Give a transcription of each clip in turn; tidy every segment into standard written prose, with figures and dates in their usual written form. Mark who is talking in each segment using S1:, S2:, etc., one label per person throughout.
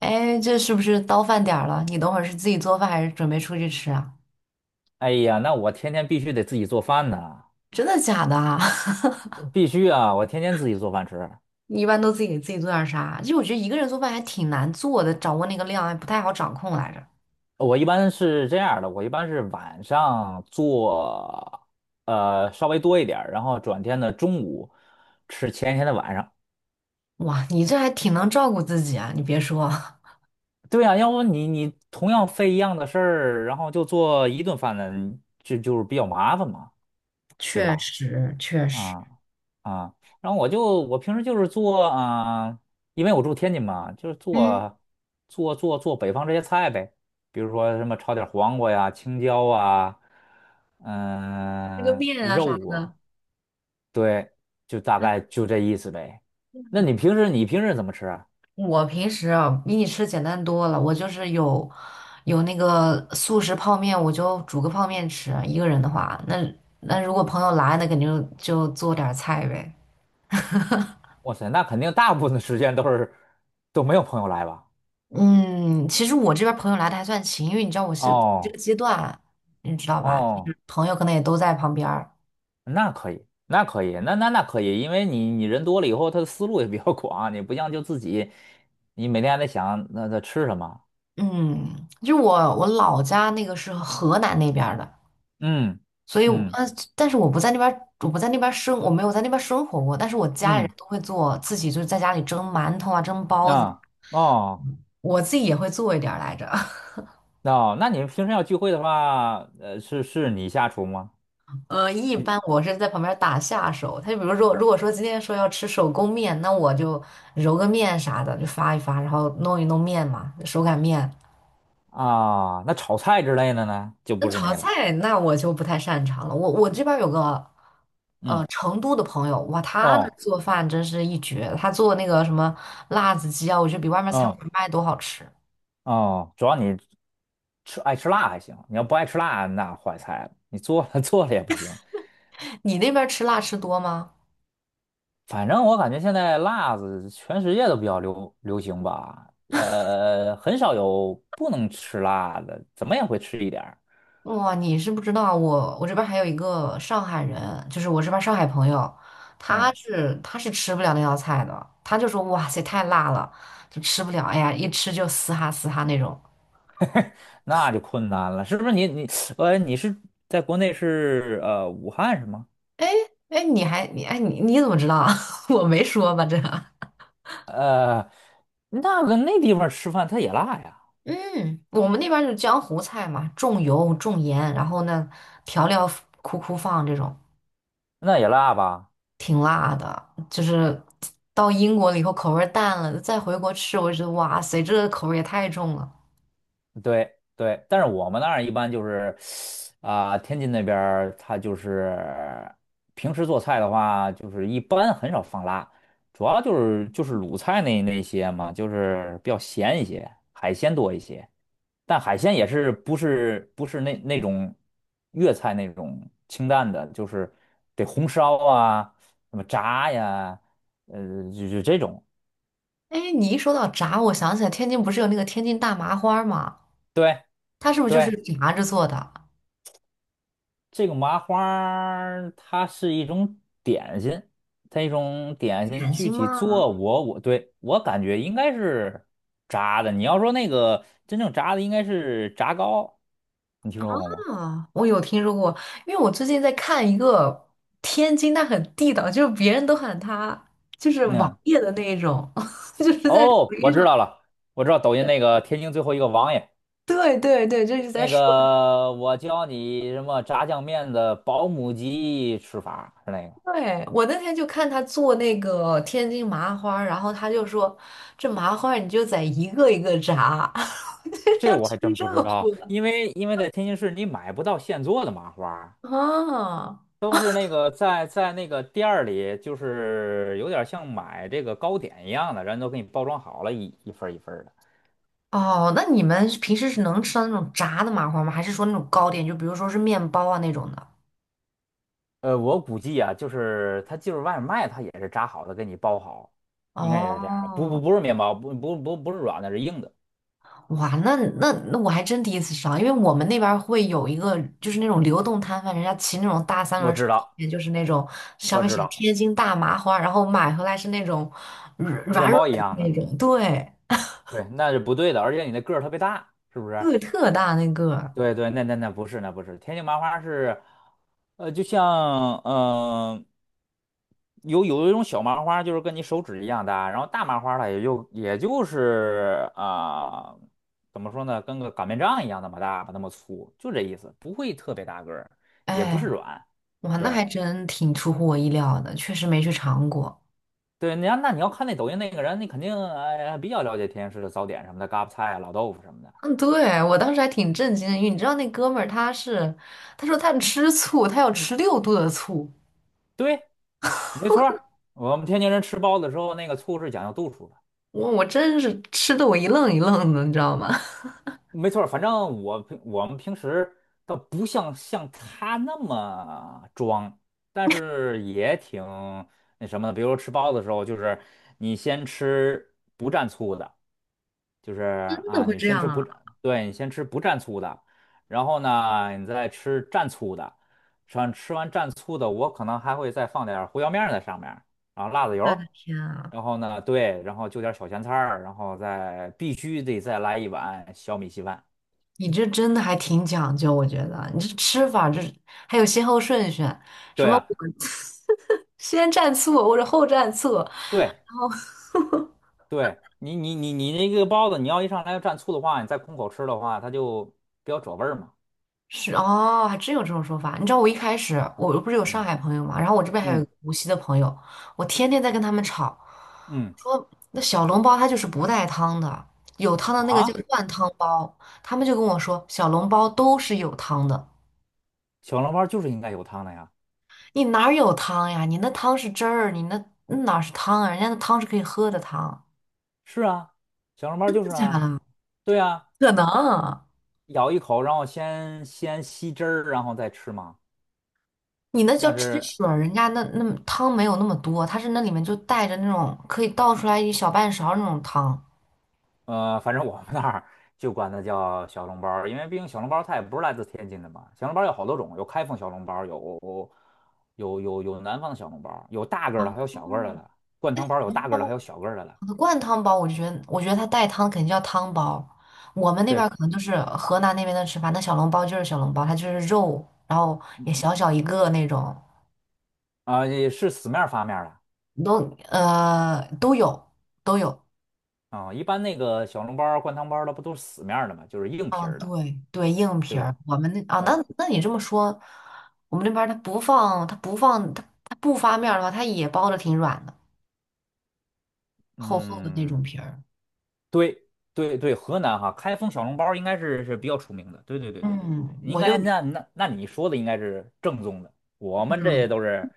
S1: 哎，这是不是到饭点儿了？你等会儿是自己做饭还是准备出去吃啊？
S2: 哎呀，那我天天必须得自己做饭呐，
S1: 真的假的啊？
S2: 必须啊，我天天自己做饭吃。
S1: 你一般都自己给自己做点儿啥？就我觉得一个人做饭还挺难做的，掌握那个量还不太好掌控来着。
S2: 我一般是这样儿的，我一般是晚上做，稍微多一点儿，然后转天的中午吃前一天的晚上。
S1: 哇，你这还挺能照顾自己啊！你别说，
S2: 对呀，要不你同样费一样的事儿，然后就做一顿饭呢，就是比较麻烦嘛，对
S1: 确
S2: 吧？
S1: 实确实，
S2: 啊啊，然后我平时就是做啊，因为我住天津嘛，就是
S1: 嗯，
S2: 做北方这些菜呗，比如说什么炒点黄瓜呀、青椒啊，
S1: 这个面啊啥
S2: 肉啊，
S1: 的，
S2: 对，就大概就这意思呗。那你平时怎么吃啊？
S1: 我平时啊比你吃简单多了。我就是有那个速食泡面，我就煮个泡面吃。一个人的话，那如果朋友来，那肯定就做点儿菜呗。
S2: 哇塞，那肯定大部分的时间都没有朋友来吧？
S1: 嗯，其实我这边朋友来的还算勤，因为你知道我是这
S2: 哦
S1: 个阶段，你知道吧？就
S2: 哦，
S1: 是朋友可能也都在旁边儿。
S2: 那可以，那可以，那可以，因为你人多了以后，他的思路也比较 广，你不像就自己，你每天还得想那吃什么，
S1: 嗯，就是我老家那个是河南那边儿的，
S2: 嗯
S1: 所以我
S2: 嗯
S1: 但是我不在那边儿，我不在那边儿生，我没有在那边儿生活过。但是我家里人
S2: 嗯，
S1: 都会做，自己就是在家里蒸馒头啊，蒸包子，
S2: 啊，哦
S1: 我自己也会做一点儿来着。
S2: 哦，那你们平时要聚会的话，是你下厨吗？
S1: 一般
S2: 你
S1: 我是在旁边打下手。他就比如说，如果说今天说要吃手工面，那我就揉个面啥的，就发一发，然后弄一弄面嘛，手擀面。
S2: 那炒菜之类的呢，就
S1: 那
S2: 不是
S1: 炒
S2: 你了，
S1: 菜那我就不太擅长了。我这边有个
S2: 嗯
S1: 成都的朋友，哇，他那
S2: 哦
S1: 做饭真是一绝。他做那个什么辣子鸡啊，我觉得比外面餐
S2: 哦
S1: 馆卖都好吃。
S2: 哦，主要爱吃辣还行，你要不爱吃辣，那坏菜了，你做了 做了也不行，
S1: 你那边吃辣吃多吗？
S2: 反正我感觉现在辣子全世界都比较流行吧，很少有不能吃辣的，怎么也会吃一点儿。
S1: 哇，你是不知道我，我这边还有一个上海人，就是我这边上海朋友，他
S2: 嗯，
S1: 是他是吃不了那道菜的，他就说哇塞太辣了，就吃不了，哎呀一吃就嘶哈嘶哈那种。
S2: 那就困难了，是不是你你是在国内是武汉是吗？
S1: 哎，你还你哎你你怎么知道啊 我没说吧这？
S2: 呃，那地方吃饭它也辣呀，
S1: 嗯，我们那边就是江湖菜嘛，重油重盐，然后呢调料苦苦放这种，
S2: 那也辣吧？
S1: 挺辣的。就是到英国了以后口味儿淡了，再回国吃，我就觉得哇塞这个口味儿也太重了。
S2: 对对，但是我们那儿一般就是。啊，天津那边儿它就是平时做菜的话，就是一般很少放辣，主要就是鲁菜那些嘛，就是比较咸一些，海鲜多一些。但海鲜也是不是那种粤菜那种清淡的，就是得红烧啊，什么炸呀，就这种。
S1: 哎，你一说到炸，我想起来天津不是有那个天津大麻花儿吗？
S2: 对
S1: 它是不是就是
S2: 对，
S1: 炸着做的？
S2: 这个麻花儿它是一种点心，
S1: 点
S2: 具
S1: 心
S2: 体
S1: 吗？
S2: 做我感觉应该是炸的。你要说那个真正炸的，应该是炸糕，你听说过吗？
S1: 啊，我有听说过，因为我最近在看一个天津，它很地道，就是别人都喊它就是
S2: 嗯，
S1: 网页的那一种，就是在抖
S2: 哦，我
S1: 音
S2: 知
S1: 上。
S2: 道了，我知道抖音那个天津最后一个王爷，
S1: 对对对，就是在
S2: 那
S1: 说。
S2: 个我教你什么炸酱面的保姆级吃法是那个，
S1: 对，我那天就看他做那个天津麻花儿，然后他就说这麻花儿你就在一个一个炸，
S2: 这
S1: 要
S2: 我
S1: 吃
S2: 还真不知
S1: 热
S2: 道，
S1: 乎的
S2: 因为在天津市你买不到现做的麻花。
S1: 啊。
S2: 都是那个在那个店儿里，就是有点像买这个糕点一样的，人都给你包装好了，一份儿一份儿的。
S1: 哦，那你们平时是能吃到那种炸的麻花吗？还是说那种糕点，就比如说是面包啊那种的？
S2: 我估计啊，就是他就是外面卖，他也是炸好的，给你包好，应该也是这样的。
S1: 哦，
S2: 不是面包，不是软的，是硬的。
S1: 哇，那我还真第一次吃到，因为我们那边儿会有一个就是那种流动摊贩，人家骑那种大三轮
S2: 我
S1: 车，
S2: 知
S1: 后
S2: 道，
S1: 面就是那种上
S2: 我
S1: 面
S2: 知
S1: 写着
S2: 道，
S1: 天津大麻花，然后买回来是那种软
S2: 面
S1: 软软
S2: 包一
S1: 的
S2: 样
S1: 那
S2: 的。
S1: 种，对，
S2: 对，那是不对的，而且你的个儿特别大，是不是？
S1: 个特大那个，
S2: 对对，那不是，那不是。天津麻花是，就像嗯。有一种小麻花，就是跟你手指一样大，然后大麻花它也就是啊、怎么说呢，跟个擀面杖一样那么大吧，那么粗，就这意思，不会特别大个儿，也不
S1: 哎，
S2: 是软。
S1: 哇，那
S2: 对
S1: 还真挺出乎我意料的，确实没去尝过。
S2: 对，你要看那抖音那个人，你肯定哎比较了解天津市的早点什么的，嘎巴菜啊、老豆腐什么的。
S1: 嗯，对，我当时还挺震惊的，因为你知道那哥们儿他是，他说他吃醋，他要吃6度的醋，
S2: 对，没错儿，我们天津人吃包子的时候，那个醋是讲究度数的。
S1: 我我真是吃的我一愣一愣的，你知道吗？
S2: 没错儿，反正我们平时倒不像他那么装，但是也挺那什么的。比如说吃包子的时候，就是你先吃不蘸醋的，就是
S1: 真的
S2: 啊，
S1: 会
S2: 你
S1: 这
S2: 先
S1: 样
S2: 吃不
S1: 啊！
S2: 蘸，对，你先吃不蘸醋的，然后呢，你再吃蘸醋的，吃完蘸醋的，我可能还会再放点儿胡椒面儿在上面儿，然后辣子油儿，
S1: 天啊，
S2: 然后呢，对，然后就点儿小咸菜儿，然后再必须得再来一碗小米稀饭。
S1: 你这真的还挺讲究，我觉得你这吃法这还有先后顺序，什
S2: 对
S1: 么
S2: 啊。
S1: 先蘸醋或者后蘸醋，
S2: 对对，你那个包子，你要一上来要蘸醋的话，你再空口吃的话，它就比较褶味儿嘛。
S1: 是哦，还真有这种说法。你知道我一开始我不是有上
S2: 嗯
S1: 海朋友嘛，然后我这边还有一
S2: 嗯
S1: 个无锡的朋友，我天天在跟他们吵，
S2: 嗯，
S1: 说那小笼包它就是不带汤的，有汤的那个叫
S2: 啊，
S1: 灌汤包。他们就跟我说小笼包都是有汤的，
S2: 小笼包就是应该有汤的呀。
S1: 你哪儿有汤呀？你那汤是汁儿，你那哪是汤啊？人家那汤是可以喝的汤，
S2: 是啊，小笼包
S1: 真
S2: 就是
S1: 的假
S2: 啊，
S1: 的？
S2: 对啊，
S1: 可能。
S2: 咬一口，然后先吸汁儿，然后再吃嘛，
S1: 你那叫
S2: 像
S1: 汁
S2: 是
S1: 水儿人家那汤没有那么多，它是那里面就带着那种可以倒出来一小半勺儿那种汤。
S2: 反正我们那儿就管它叫小笼包儿，因为毕竟小笼包儿它也不是来自天津的嘛。小笼包儿有好多种，有开封小笼包儿有南方的小笼包儿，有大个
S1: 哦，
S2: 儿的，还有小个儿的了。灌汤包儿有
S1: 汤
S2: 大个儿的，还
S1: 包，
S2: 有小个儿的了。
S1: 灌汤包，我就觉得，我觉得它带汤肯定叫汤包。我们那边儿
S2: 对
S1: 可能就是河南那边的吃法，那小笼包就是小笼包，它就是肉，然后也小小一个那种，
S2: 啊，也是死面儿发面儿
S1: 都呃都有都有。
S2: 的啊。一般那个小笼包儿灌汤包儿的不都是死面儿的嘛，就是硬皮
S1: 嗯，
S2: 儿的，
S1: 对对，硬
S2: 对
S1: 皮
S2: 吧？
S1: 儿。我们那啊，那
S2: 对，
S1: 那你这么说，我们那边儿它不发面儿的话，它也包的挺软的，厚厚的那种
S2: 嗯。
S1: 皮儿。
S2: 对对对，河南哈，开封小笼包应该是比较出名的。对对对对对对对，
S1: 嗯，
S2: 应
S1: 我就
S2: 该那那那你说的应该是正宗的，我们这
S1: 嗯。
S2: 都是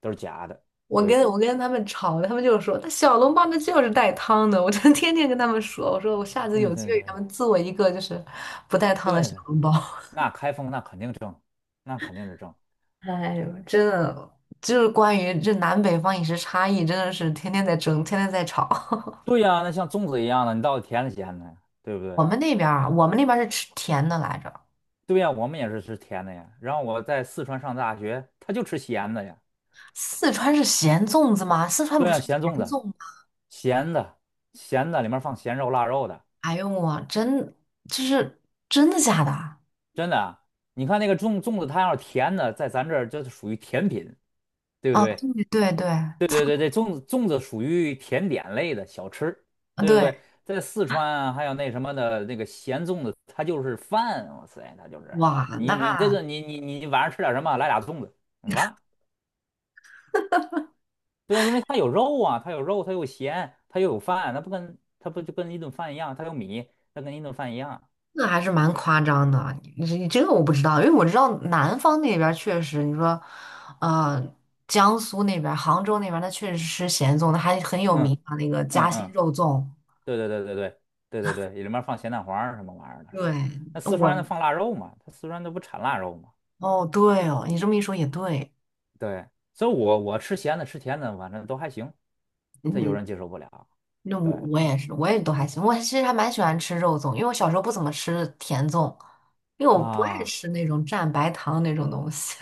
S2: 假的。
S1: 我跟
S2: 对
S1: 我跟他们吵，他们就说那小笼包那就是带汤的，我就天天跟他们说，我说我下次有
S2: 对
S1: 机
S2: 对
S1: 会给
S2: 对
S1: 他们做一个就是不带汤的
S2: 对
S1: 小
S2: 的，
S1: 笼包。
S2: 那开封那肯定正，那肯定是正。
S1: 哎呦，真的就是关于这南北方饮食差异，真的是天天在争，天天在吵。
S2: 对呀，那像粽子一样的，你到底甜的咸的呀，对不对？
S1: 我们那边儿啊，我们那边儿是吃甜的来着，
S2: 对呀，我们也是吃甜的呀。然后我在四川上大学，他就吃咸的呀。
S1: 四川是咸粽子吗？四川
S2: 对
S1: 不
S2: 呀，
S1: 是甜
S2: 咸粽子，
S1: 粽吗？
S2: 咸的咸的里面放咸肉腊肉的。
S1: 哎呦我真就是真的假的啊？
S2: 真的啊，你看那个粽子，它要是甜的，在咱这儿就是属于甜品，对不对？
S1: 对对对，
S2: 对
S1: 擦
S2: 对对对，粽子属于甜点类的小吃，对不
S1: 对，
S2: 对？在四川啊，还有那什么的那个咸粽子，它就是饭，哇塞，它就是
S1: 哇
S2: 你你这
S1: 那。
S2: 个你你你晚上吃点什么，来俩粽子，完了。对，因为它有肉啊，它有肉，它有咸，它又有饭，它不跟它不就跟一顿饭一样，它有米，它跟一顿饭一样。
S1: 那还是蛮夸张的，你你这个我不知道，因为我知道南方那边儿确实，你说，呃，江苏那边儿杭州那边儿，那确实吃咸粽，那还很有
S2: 嗯
S1: 名啊，那个
S2: 嗯
S1: 夹心
S2: 嗯。
S1: 肉粽。
S2: 对对对对对对对对，里面放咸蛋黄儿什么玩意儿的，是
S1: 对，
S2: 吧？那四川的
S1: 我
S2: 放腊肉嘛，它四川那不产腊肉嘛？
S1: 哦，对哦，你这么一说也对，
S2: 对，所以我吃咸的吃甜的，反正都还行。他有
S1: 嗯，
S2: 人接受不了，
S1: 那我
S2: 对
S1: 我也是，我也都还行，我其实还蛮喜欢吃肉粽，因为我小时候不怎么吃甜粽，因为我不爱
S2: 啊，
S1: 吃那种蘸白糖那种东西。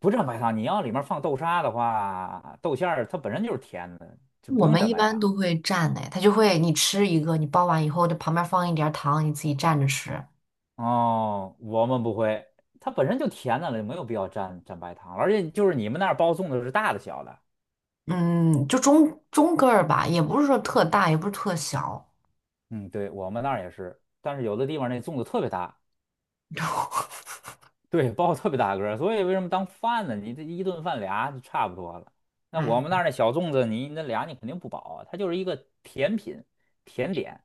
S2: 不蘸白糖，你要里面放豆沙的话，豆馅儿它本身就是甜的，就不
S1: 我
S2: 用
S1: 们
S2: 蘸
S1: 一
S2: 白
S1: 般都
S2: 糖。
S1: 会蘸的，他就会你吃一个，你包完以后，这旁边放一点儿糖，你自己蘸着吃。
S2: 哦，我们不会，它本身就甜的了，没有必要蘸白糖。而且就是你们那儿包粽子是大的小的，
S1: 嗯，就中个儿吧，也不是说特大，也不是特小。
S2: 嗯，对，我们那儿也是，但是有的地方那粽子特别大，对，包特别大个儿，所以为什么当饭呢？你这一顿饭俩就差不多了。那我们那
S1: 哎，
S2: 儿那小粽子，你那俩你肯定不饱啊，它就是一个甜品、甜点，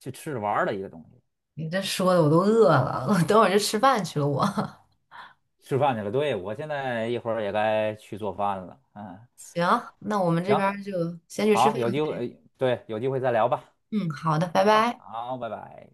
S2: 去吃着玩儿的一个东西。
S1: 你这说的我都饿了，我等会儿就吃饭去了我。
S2: 吃饭去了，对，我现在一会儿也该去做饭了。嗯，
S1: 行，那我们这边
S2: 行，
S1: 儿就先去吃
S2: 好，
S1: 饭。
S2: 有机会，哎对，有机会再聊吧。
S1: 嗯，好的，拜
S2: 行吧，
S1: 拜。
S2: 好，拜拜。